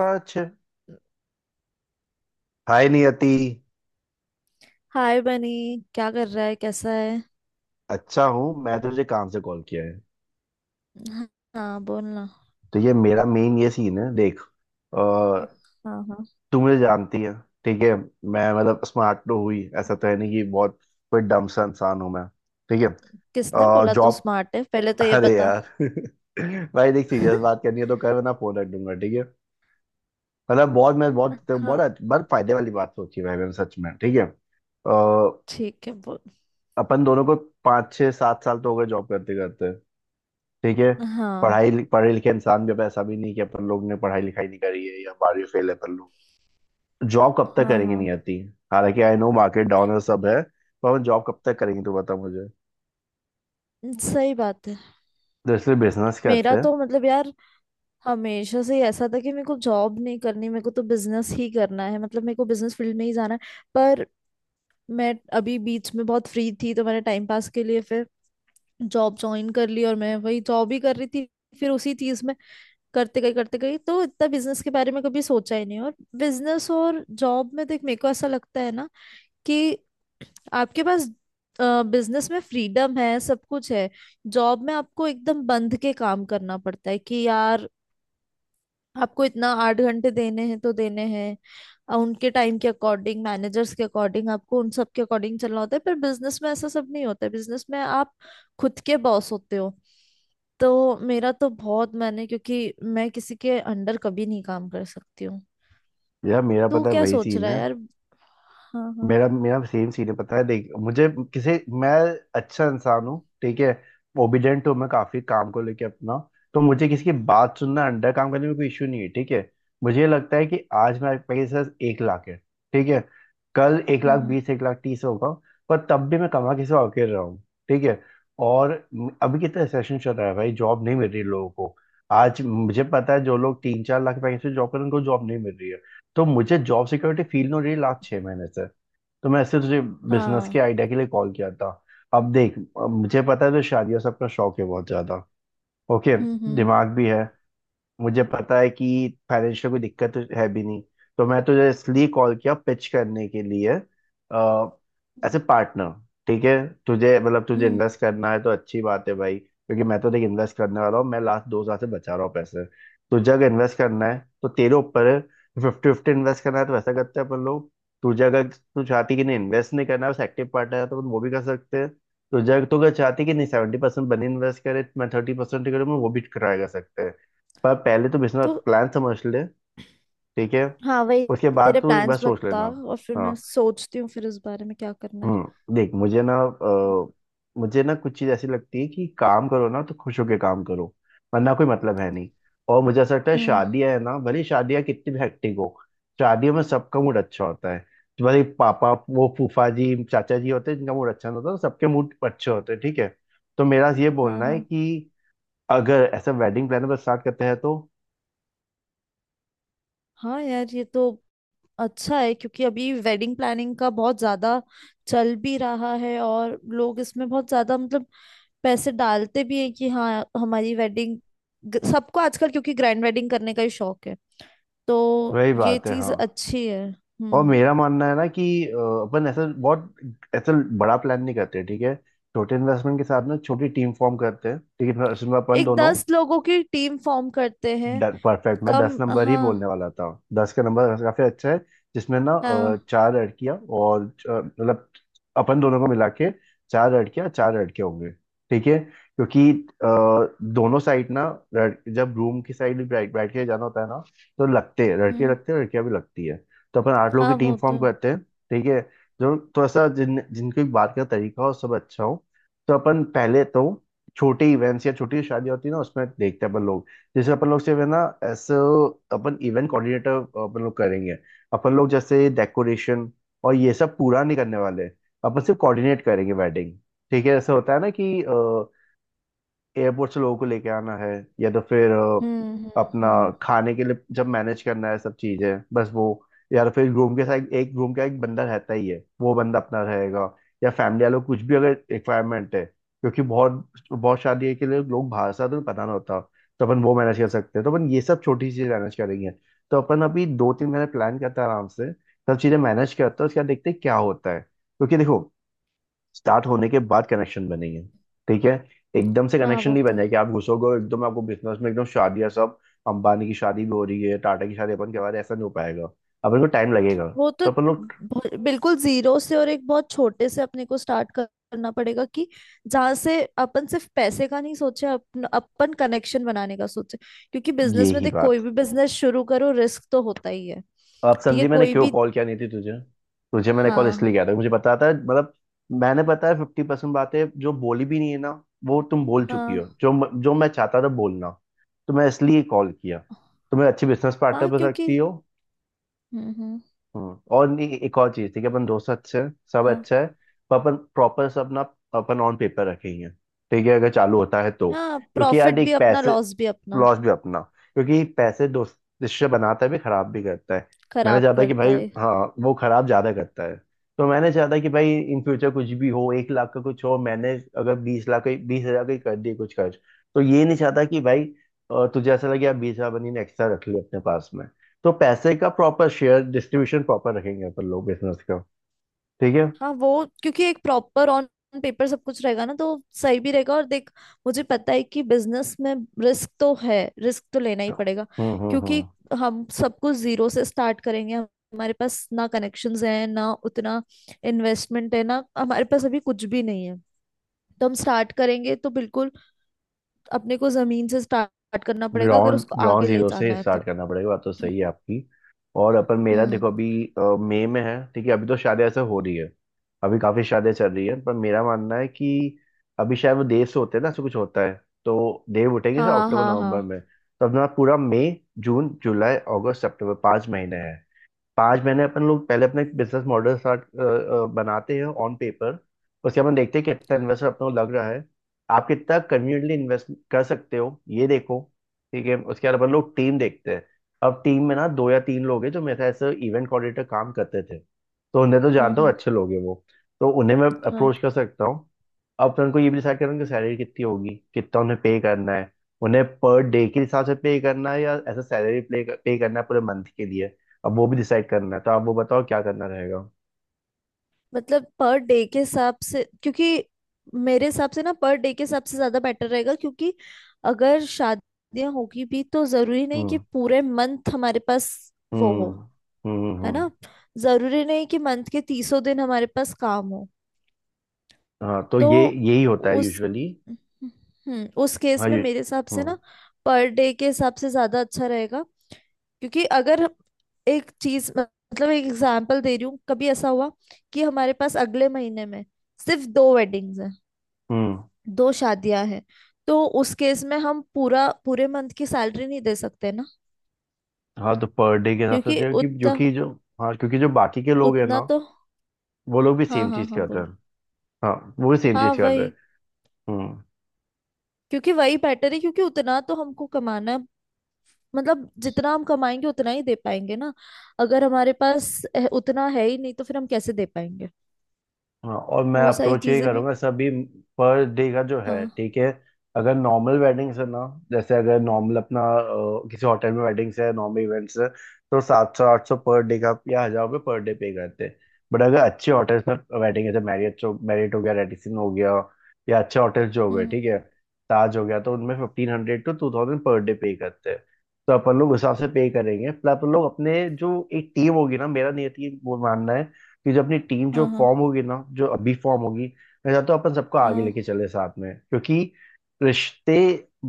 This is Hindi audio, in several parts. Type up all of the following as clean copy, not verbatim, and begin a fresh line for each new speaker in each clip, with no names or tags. कुछ। हाय नियति।
हाय बनी। क्या कर रहा है, कैसा है?
अच्छा हूँ। मैं तुझे काम से कॉल किया है।
हाँ। हाँ, बोलना।
तो ये मेरा मेन ये सीन है, देख। आ,
हाँ हाँ,
तू मुझे जानती है। ठीक है। मैं मतलब स्मार्ट तो हुई, ऐसा तो है नहीं कि बहुत कोई डम सा इंसान हूँ मैं। ठीक है।
किसने बोला तू
जॉब।
स्मार्ट है, पहले तो ये
अरे
बता।
यार भाई देख, सीरियस बात करनी है तो कर, वरना फोन रख दूंगा। ठीक है। मतलब बहुत मैं बहुत तो
हाँ,
बहुत बहुत फायदे वाली बात सोची है भाई मैंने, सच में। ठीक है। अ,
ठीक है बोल।
अपन दोनों को पाँच छः सात साल तो हो गए जॉब करते करते। ठीक है।
हाँ
पढ़ाई पढ़े लिखे इंसान भी, अब ऐसा भी नहीं कि अपन लोग ने पढ़ाई लिखाई नहीं करी है या बारहवीं फेल है अपन लोग। जॉब कब तक
हाँ
करेंगे,
हाँ,
नहीं आती। हालांकि आई नो, मार्केट डाउन है, सब है। पर हम जॉब कब तक करेंगे, तो बता मुझे।
सही बात है।
तो इसलिए बिजनेस करते
मेरा
हैं।
तो मतलब यार, हमेशा से ही ऐसा था कि मेरे को जॉब नहीं करनी, मेरे को तो बिजनेस ही करना है। मतलब मेरे को बिजनेस फील्ड में ही जाना है। पर मैं अभी बीच में बहुत फ्री थी तो मैंने टाइम पास के लिए फिर जॉब ज्वाइन कर ली और मैं वही जॉब ही कर रही थी। फिर उसी चीज में करते गई तो इतना बिजनेस के बारे में कभी सोचा ही नहीं। और बिजनेस और जॉब में देख, मेरे को ऐसा लगता है ना कि आपके पास बिजनेस में फ्रीडम है, सब कुछ है। जॉब में आपको एकदम बंध के काम करना पड़ता है कि यार, आपको इतना आठ घंटे देने हैं तो देने हैं। उनके टाइम के अकॉर्डिंग, मैनेजर्स के अकॉर्डिंग, आपको उन सब के अकॉर्डिंग चलना होता है। पर बिजनेस में ऐसा सब नहीं होता है। बिजनेस में आप खुद के बॉस होते हो। तो मेरा तो बहुत मैंने, क्योंकि मैं किसी के अंडर कभी नहीं काम कर सकती हूँ।
यार, मेरा
तू
पता है
क्या
वही
सोच
सीन
रहा है
है।
यार? हाँ हाँ।
मेरा मेरा सेम सीन है। पता है, देख मुझे। किसी मैं अच्छा इंसान हूँ। ठीक है। ओबिडेंट हूँ मैं काफी, काम को लेके अपना। तो मुझे किसी की बात सुनना, अंडर काम करने में कोई इशू नहीं है। ठीक है। मुझे ये लगता है कि आज मेरे पास 1 लाख है। ठीक है। कल एक लाख
हम्म।
बीस, एक लाख तीस होगा। पर तब भी मैं कमा किसी और के रहा हूँ। ठीक है। और अभी कितना सेशन चल रहा है भाई, जॉब नहीं मिल रही लोगों को। आज मुझे पता है, जो लोग तीन चार लाख पैसे से जॉब कर रहे हैं, उनको जॉब नहीं मिल रही है। तो मुझे जॉब सिक्योरिटी फील नहीं हो रही लास्ट 6 महीने से। तो मैं इससे तुझे बिजनेस के
हाँ।
आइडिया के लिए कॉल किया था। अब देख, अब मुझे पता है, तो शादियों सबका शौक है बहुत ज्यादा। ओके।
हम्म हम्म
दिमाग भी है। मुझे पता है कि फाइनेंशियल कोई दिक्कत तो है भी नहीं। तो मैं तुझे इसलिए कॉल किया पिच करने के लिए, एज ए पार्टनर। ठीक है। तुझे मतलब तुझे
हम्म।
इन्वेस्ट करना है तो अच्छी बात है भाई, क्योंकि मैं तो देख इन्वेस्ट करने वाला हूँ, मैं लास्ट 2 साल से बचा रहा हूँ पैसे। तुझे अगर इन्वेस्ट करना है तो तेरे ऊपर है। 50-50 इन्वेस्ट करना है तो वैसा करते हैं अपन लोग। तुझे अगर तू चाहती कि नहीं, इन्वेस्ट नहीं करना है, बस एक्टिव पार्टनर है, तो अपन वो भी कर सकते हैं। तुझे अगर- तू अगर चाहती कि नहीं 70% बनी इन्वेस्ट करे, मैं 30% करूँ, मैं वो भी ट्राई कर सकते हैं। पर पहले तो बिजनेस
तो
प्लान समझ ले। ठीक है।
हाँ वही,
उसके बाद
तेरे
तो एक बार
प्लान्स
सोच लेना।
बता और फिर मैं
हाँ।
सोचती हूँ फिर इस बारे में क्या करना है।
हम्म, देख, मुझे ना कुछ चीज़ ऐसी लगती है कि काम करो ना तो खुश होके काम करो। वरना कोई मतलब है नहीं। और मुझे ऐसा लगता है,
हम्म।
शादियां है ना, भले ही शादियां कितनी भी हेक्टिक हो। शादियों में सबका मूड अच्छा होता है। तो भले ही पापा, वो फूफा जी चाचा जी होते हैं जिनका मूड अच्छा नहीं होता, तो सबके मूड अच्छे होते हैं। ठीक है। तो मेरा ये
हाँ
बोलना है
हाँ।
कि अगर ऐसा वेडिंग प्लान पर स्टार्ट करते हैं तो।
हाँ यार, ये तो अच्छा है क्योंकि अभी वेडिंग प्लानिंग का बहुत ज्यादा चल भी रहा है और लोग इसमें बहुत ज्यादा मतलब पैसे डालते भी हैं कि हाँ, हमारी वेडिंग, सबको आजकल क्योंकि ग्रैंड वेडिंग करने का ही शौक है। तो
वही
ये
बात है,
चीज
हाँ।
अच्छी है।
और
हम्म।
मेरा मानना है ना कि अपन ऐसा बड़ा प्लान नहीं करते। ठीक है। छोटे इन्वेस्टमेंट के साथ ना छोटी टीम फॉर्म करते हैं। ठीक है। उसमें अपन
एक
दोनों।
दस लोगों की टीम फॉर्म करते हैं।
परफेक्ट। मैं दस
कम
नंबर ही
हाँ।
बोलने वाला था। दस का नंबर काफी अच्छा है। जिसमें ना
हाँ।
चार लड़कियां और मतलब अपन दोनों को मिला के चार लड़कियां चार लड़के होंगे। ठीक है। क्योंकि दोनों साइड ना, जब रूम की साइड बैठ बैठ के जाना होता है ना, तो लगते हैं लड़के,
हम्म।
लगते हैं लड़कियां भी लगती है। तो अपन 8 लोगों की
हाँ
टीम
वो
फॉर्म
तो।
करते हैं। ठीक है। जो थोड़ा सा, जिन जिनकी बात का तरीका हो सब अच्छा हो। तो अपन पहले तो छोटे इवेंट्स या छोटी शादी होती है ना, उसमें देखते हैं अपन लोग। जैसे अपन लोग से ना, ऐसे अपन इवेंट कोऑर्डिनेटर अपन लोग करेंगे। अपन लोग जैसे डेकोरेशन और ये सब पूरा नहीं करने वाले। अपन सिर्फ कोऑर्डिनेट करेंगे वेडिंग। ठीक है। ऐसा होता है ना कि एयरपोर्ट से लोगों को लेके आना है, या तो फिर
हम्म हम्म
अपना
हम्म।
खाने के लिए जब मैनेज करना है, सब चीजें, बस वो। या तो फिर रूम के साथ एक रूम का एक बंदा रहता ही है, वो बंदा अपना रहेगा। या फैमिली वालों को कुछ भी अगर रिक्वायरमेंट है, क्योंकि बहुत बहुत शादी के लिए लोग बाहर से आते हैं, तो पता ना होता। तो अपन वो मैनेज कर सकते हैं, तो अपन ये सब छोटी चीजें मैनेज करेंगे। तो अपन अभी दो तीन महीने प्लान करते हैं, आराम से सब चीजें मैनेज करते हैं, उसके बाद देखते हैं क्या होता है, क्योंकि देखो, स्टार्ट होने के बाद कनेक्शन बनेंगे। ठीक है। एकदम से
हाँ
कनेक्शन
वो
नहीं बन
तो
जाए कि आप घुसोगे और एकदम आपको बिजनेस में एकदम शादियां सब, अंबानी की शादी भी हो रही है, टाटा की शादी, अपन के बारे ऐसा नहीं हो पाएगा। अपन को टाइम लगेगा।
वो तो
तो अपन लोग,
ब- बिल्कुल जीरो से और एक बहुत छोटे से अपने को स्टार्ट करना पड़ेगा कि जहां से अपन सिर्फ पैसे का नहीं सोचे, अपन अपन कनेक्शन बनाने का सोचे। क्योंकि बिजनेस में
यही
देख, कोई
बात।
भी बिजनेस शुरू करो रिस्क तो होता ही है।
आप
ठीक है,
समझी मैंने
कोई
क्यों
भी।
कॉल किया नहीं थी तुझे। तुझे मैंने कॉल इसलिए
हाँ
किया था, मुझे पता था मतलब, मैंने पता है 50% बातें जो बोली भी नहीं है ना, वो तुम बोल चुकी हो
हाँ
जो जो मैं चाहता था बोलना। तो मैं इसलिए कॉल किया। तुम एक अच्छी बिजनेस पार्टनर
हाँ।
बन
क्योंकि।
सकती हो।
हम्म।
हम्म। और नहीं, एक और चीज थी कि अपन दोस्त अच्छे हैं, सब
हाँ
अच्छा है, पर अपन प्रॉपर सब ना, अपन ऑन पेपर रखेंगे। ठीक है। अगर चालू होता है तो।
हाँ,
क्योंकि यार
प्रॉफिट भी
एक
अपना,
पैसे
लॉस भी अपना।
लॉस भी अपना, क्योंकि पैसे दोस्त रिश्ते बनाता है भी, खराब भी करता है। मैंने
खराब
चाहता कि
करता
भाई,
है।
हाँ, वो खराब ज्यादा करता है। तो मैंने चाहता कि भाई इन फ्यूचर कुछ भी हो, 1 लाख का कुछ हो, मैंने, अगर 20 लाख का 20 हजार का ही कर दिए कुछ खर्च, तो ये नहीं चाहता कि भाई, तुझे ऐसा लगे यार 20 हजार बनी ने एक्स्ट्रा रख लिया अपने पास। तो पैसे का प्रॉपर शेयर डिस्ट्रीब्यूशन प्रॉपर रखेंगे अपन लोग बिजनेस का। ठीक है।
हाँ वो, क्योंकि एक प्रॉपर ऑन पेपर सब कुछ रहेगा ना, तो सही भी रहेगा। और देख, मुझे पता है कि बिजनेस में रिस्क तो है, रिस्क तो लेना ही पड़ेगा क्योंकि
हम्म।
हम सब कुछ जीरो से स्टार्ट करेंगे। हमारे पास ना कनेक्शंस हैं, ना उतना इन्वेस्टमेंट है, ना हमारे पास अभी कुछ भी नहीं है। तो हम स्टार्ट करेंगे तो बिल्कुल अपने को जमीन से स्टार्ट करना पड़ेगा अगर
ग्राउंड
उसको
ग्राउंड
आगे ले
जीरो से
जाना है तो।
स्टार्ट करना पड़ेगा, बात तो सही है आपकी। और अपन, मेरा
हम्म।
देखो अभी मई में है। ठीक है। अभी तो शादी ऐसे हो रही है, अभी काफी शादियां चल रही है, पर मेरा मानना है कि अभी शायद वो देव से होते हैं ना, ऐसा कुछ होता है। तो देव उठेंगे शायद
हाँ
अक्टूबर
हाँ हाँ।
नवंबर में, तो अपना पूरा मई जून जुलाई अगस्त सितंबर 5 महीने हैं। 5 महीने अपन लोग पहले अपने बिजनेस मॉडल स्टार्ट बनाते हैं ऑन पेपर। उसके बाद हम देखते हैं कितना इन्वेस्टर अपने को लग रहा है, आप कितना कन्वीनियंटली इन्वेस्ट कर सकते हो ये देखो। ठीक है। उसके बाद अपन लोग टीम देखते हैं। अब टीम में ना दो या तीन लोग हैं जो मेरे साथ ऐसे इवेंट कोऑर्डिनेटर काम करते थे, तो उन्हें तो
हम्म
जानता हूँ,
हम्म।
अच्छे लोग हैं वो। तो उन्हें मैं
हाँ।
अप्रोच कर सकता हूँ। अब अपन को ये भी डिसाइड करना है कि सैलरी कितनी होगी, कितना उन्हें पे करना है। उन्हें पर डे के हिसाब से पे करना है, या ऐसा सैलरी पे पे करना है पूरे मंथ के लिए। अब वो भी डिसाइड करना है, तो आप वो बताओ क्या करना रहेगा।
मतलब पर डे के हिसाब से, क्योंकि मेरे हिसाब से ना, पर डे के हिसाब से ज्यादा बेटर रहेगा क्योंकि अगर शादियां होगी भी तो जरूरी नहीं कि
हम्म
पूरे मंथ हमारे पास वो हो।
हम्म हम्म हम्म
है
हम्म।
ना? जरूरी नहीं कि मंथ के तीसों दिन हमारे पास काम हो।
हाँ, तो
तो
ये यही होता है
उस,
यूजुअली।
हम्म, उस
हाँ।
केस में
यू
मेरे हिसाब से
हम्म
ना पर डे के हिसाब से ज्यादा अच्छा रहेगा। क्योंकि अगर एक चीज, मतलब एक एग्जांपल दे रही हूँ, कभी ऐसा हुआ कि हमारे पास अगले महीने में सिर्फ दो वेडिंग्स हैं,
हम्म।
दो शादियां हैं। तो उस केस में हम पूरा पूरे मंथ की सैलरी नहीं दे सकते ना,
हाँ, तो पर डे के हिसाब से
क्योंकि
चाहिए कि जो
उतना
कि जो हाँ, क्योंकि जो बाकी के लोग हैं ना,
उतना तो।
वो लोग भी
हाँ
सेम
हाँ
चीज
हाँ,
करते
बोलो।
हैं। हाँ, वो भी सेम
हाँ
चीज कर रहे हैं।
वही,
हम्म।
क्योंकि वही बेटर है। क्योंकि उतना तो हमको कमाना है। मतलब जितना हम कमाएंगे उतना ही दे पाएंगे ना। अगर हमारे पास उतना है ही नहीं तो फिर हम कैसे दे पाएंगे?
हाँ, और मैं
वो सारी
अप्रोच यही
चीजें भी।
करूंगा, सभी पर डे का जो है।
हाँ।
ठीक है। अगर नॉर्मल वेडिंग्स है ना, जैसे अगर नॉर्मल अपना किसी होटल में वेडिंग्स है, नॉर्मल इवेंट्स है, तो 700 800 पर डे का या हजार रुपये पर डे पे करते हैं। बट अगर अच्छे होटल्स में वेडिंग है, जैसे मैरियट मैरियट हो गया, रेडिसन हो गया, या अच्छे होटल्स जो हो गए।
हम्म।
ठीक है। ताज हो गया, तो उनमें 1500 to 2000 पर डे पे करते हैं। तो अपन लोग उस हिसाब से पे करेंगे, प्लस अपन लोग अपने, जो एक टीम होगी ना, मेरा नहीं है वो मानना है कि जो अपनी टीम जो
हाँ हाँ
फॉर्म होगी ना जो अभी फॉर्म होगी, मैं चाहता हूँ अपन सबको आगे
हाँ
लेके चले साथ में, क्योंकि रिश्ते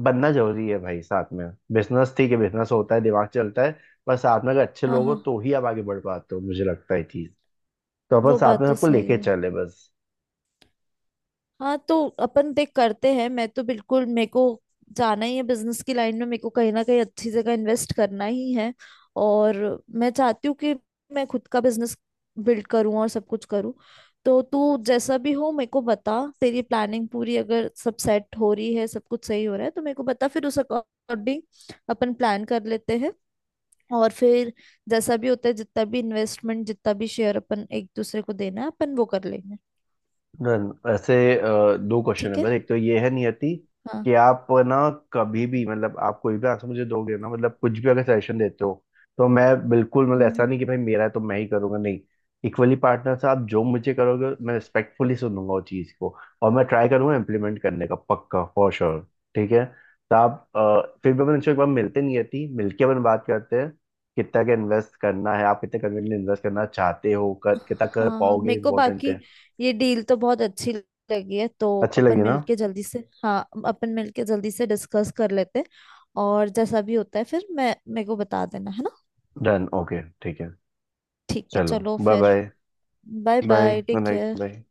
बनना जरूरी है भाई साथ में। बिजनेस ठीक है, बिजनेस होता है, दिमाग चलता है, पर साथ में अगर अच्छे
हाँ हाँ
लोग हो
हाँ,
तो ही आप आगे बढ़ पाते हो मुझे लगता है चीज। तो अपन
वो
साथ
बात
में
तो
सबको
सही
लेके
है।
चले बस।
हाँ तो अपन देख करते हैं, मैं तो बिल्कुल मेरे को जाना ही है बिजनेस की लाइन में। मेरे को कहीं ना कहीं अच्छी जगह इन्वेस्ट करना ही है। और मैं चाहती हूँ कि मैं खुद का बिजनेस बिल्ड करूँ और सब कुछ करूँ। तो तू जैसा भी हो मेरे को बता, तेरी प्लानिंग पूरी अगर सब सेट हो रही है, सब कुछ सही हो रहा है तो मेरे को बता, फिर उस अकॉर्डिंग अपन प्लान कर लेते हैं। और फिर जैसा भी होता है, जितना भी इन्वेस्टमेंट, जितना भी शेयर अपन एक दूसरे को देना है अपन वो कर लेंगे।
डन। वैसे दो क्वेश्चन है,
ठीक है।
बस एक तो ये है नियति,
हाँ।
कि आप ना कभी भी मतलब, आप कोई भी आंसर मुझे दोगे ना, मतलब कुछ भी अगर सजेशन देते हो तो मैं बिल्कुल मतलब,
हम्म
ऐसा
हम्म।
नहीं कि भाई मेरा है तो मैं ही करूंगा, नहीं। इक्वली पार्टनर से आप जो मुझे करोगे, मैं रिस्पेक्टफुली सुनूंगा वो चीज़ को, और मैं ट्राई करूंगा इम्प्लीमेंट करने का पक्का फॉर श्योर। ठीक है। तो आप फिर भी अपन इंश्योर एक बार मिलते हैं नियति, मिलके अपन बात करते हैं कितना का इन्वेस्ट करना है, आप कितने कन्वीनियंट इन्वेस्ट करना चाहते हो, कर कितना कर
हाँ हाँ,
पाओगे
मेरे को
इम्पोर्टेंट
बाकी
है।
ये डील तो बहुत अच्छी लगी है। तो
अच्छी
अपन
लगी ना।
मिलके जल्दी से, हाँ, अपन मिलके जल्दी से डिस्कस कर लेते हैं। और जैसा भी होता है फिर मैं, मेरे को बता देना है ना।
डन। ओके, ठीक है।
ठीक है,
चलो,
चलो
बाय
फिर।
Bye.
Bye
bye,
bye, take
good night,
care.
Bye.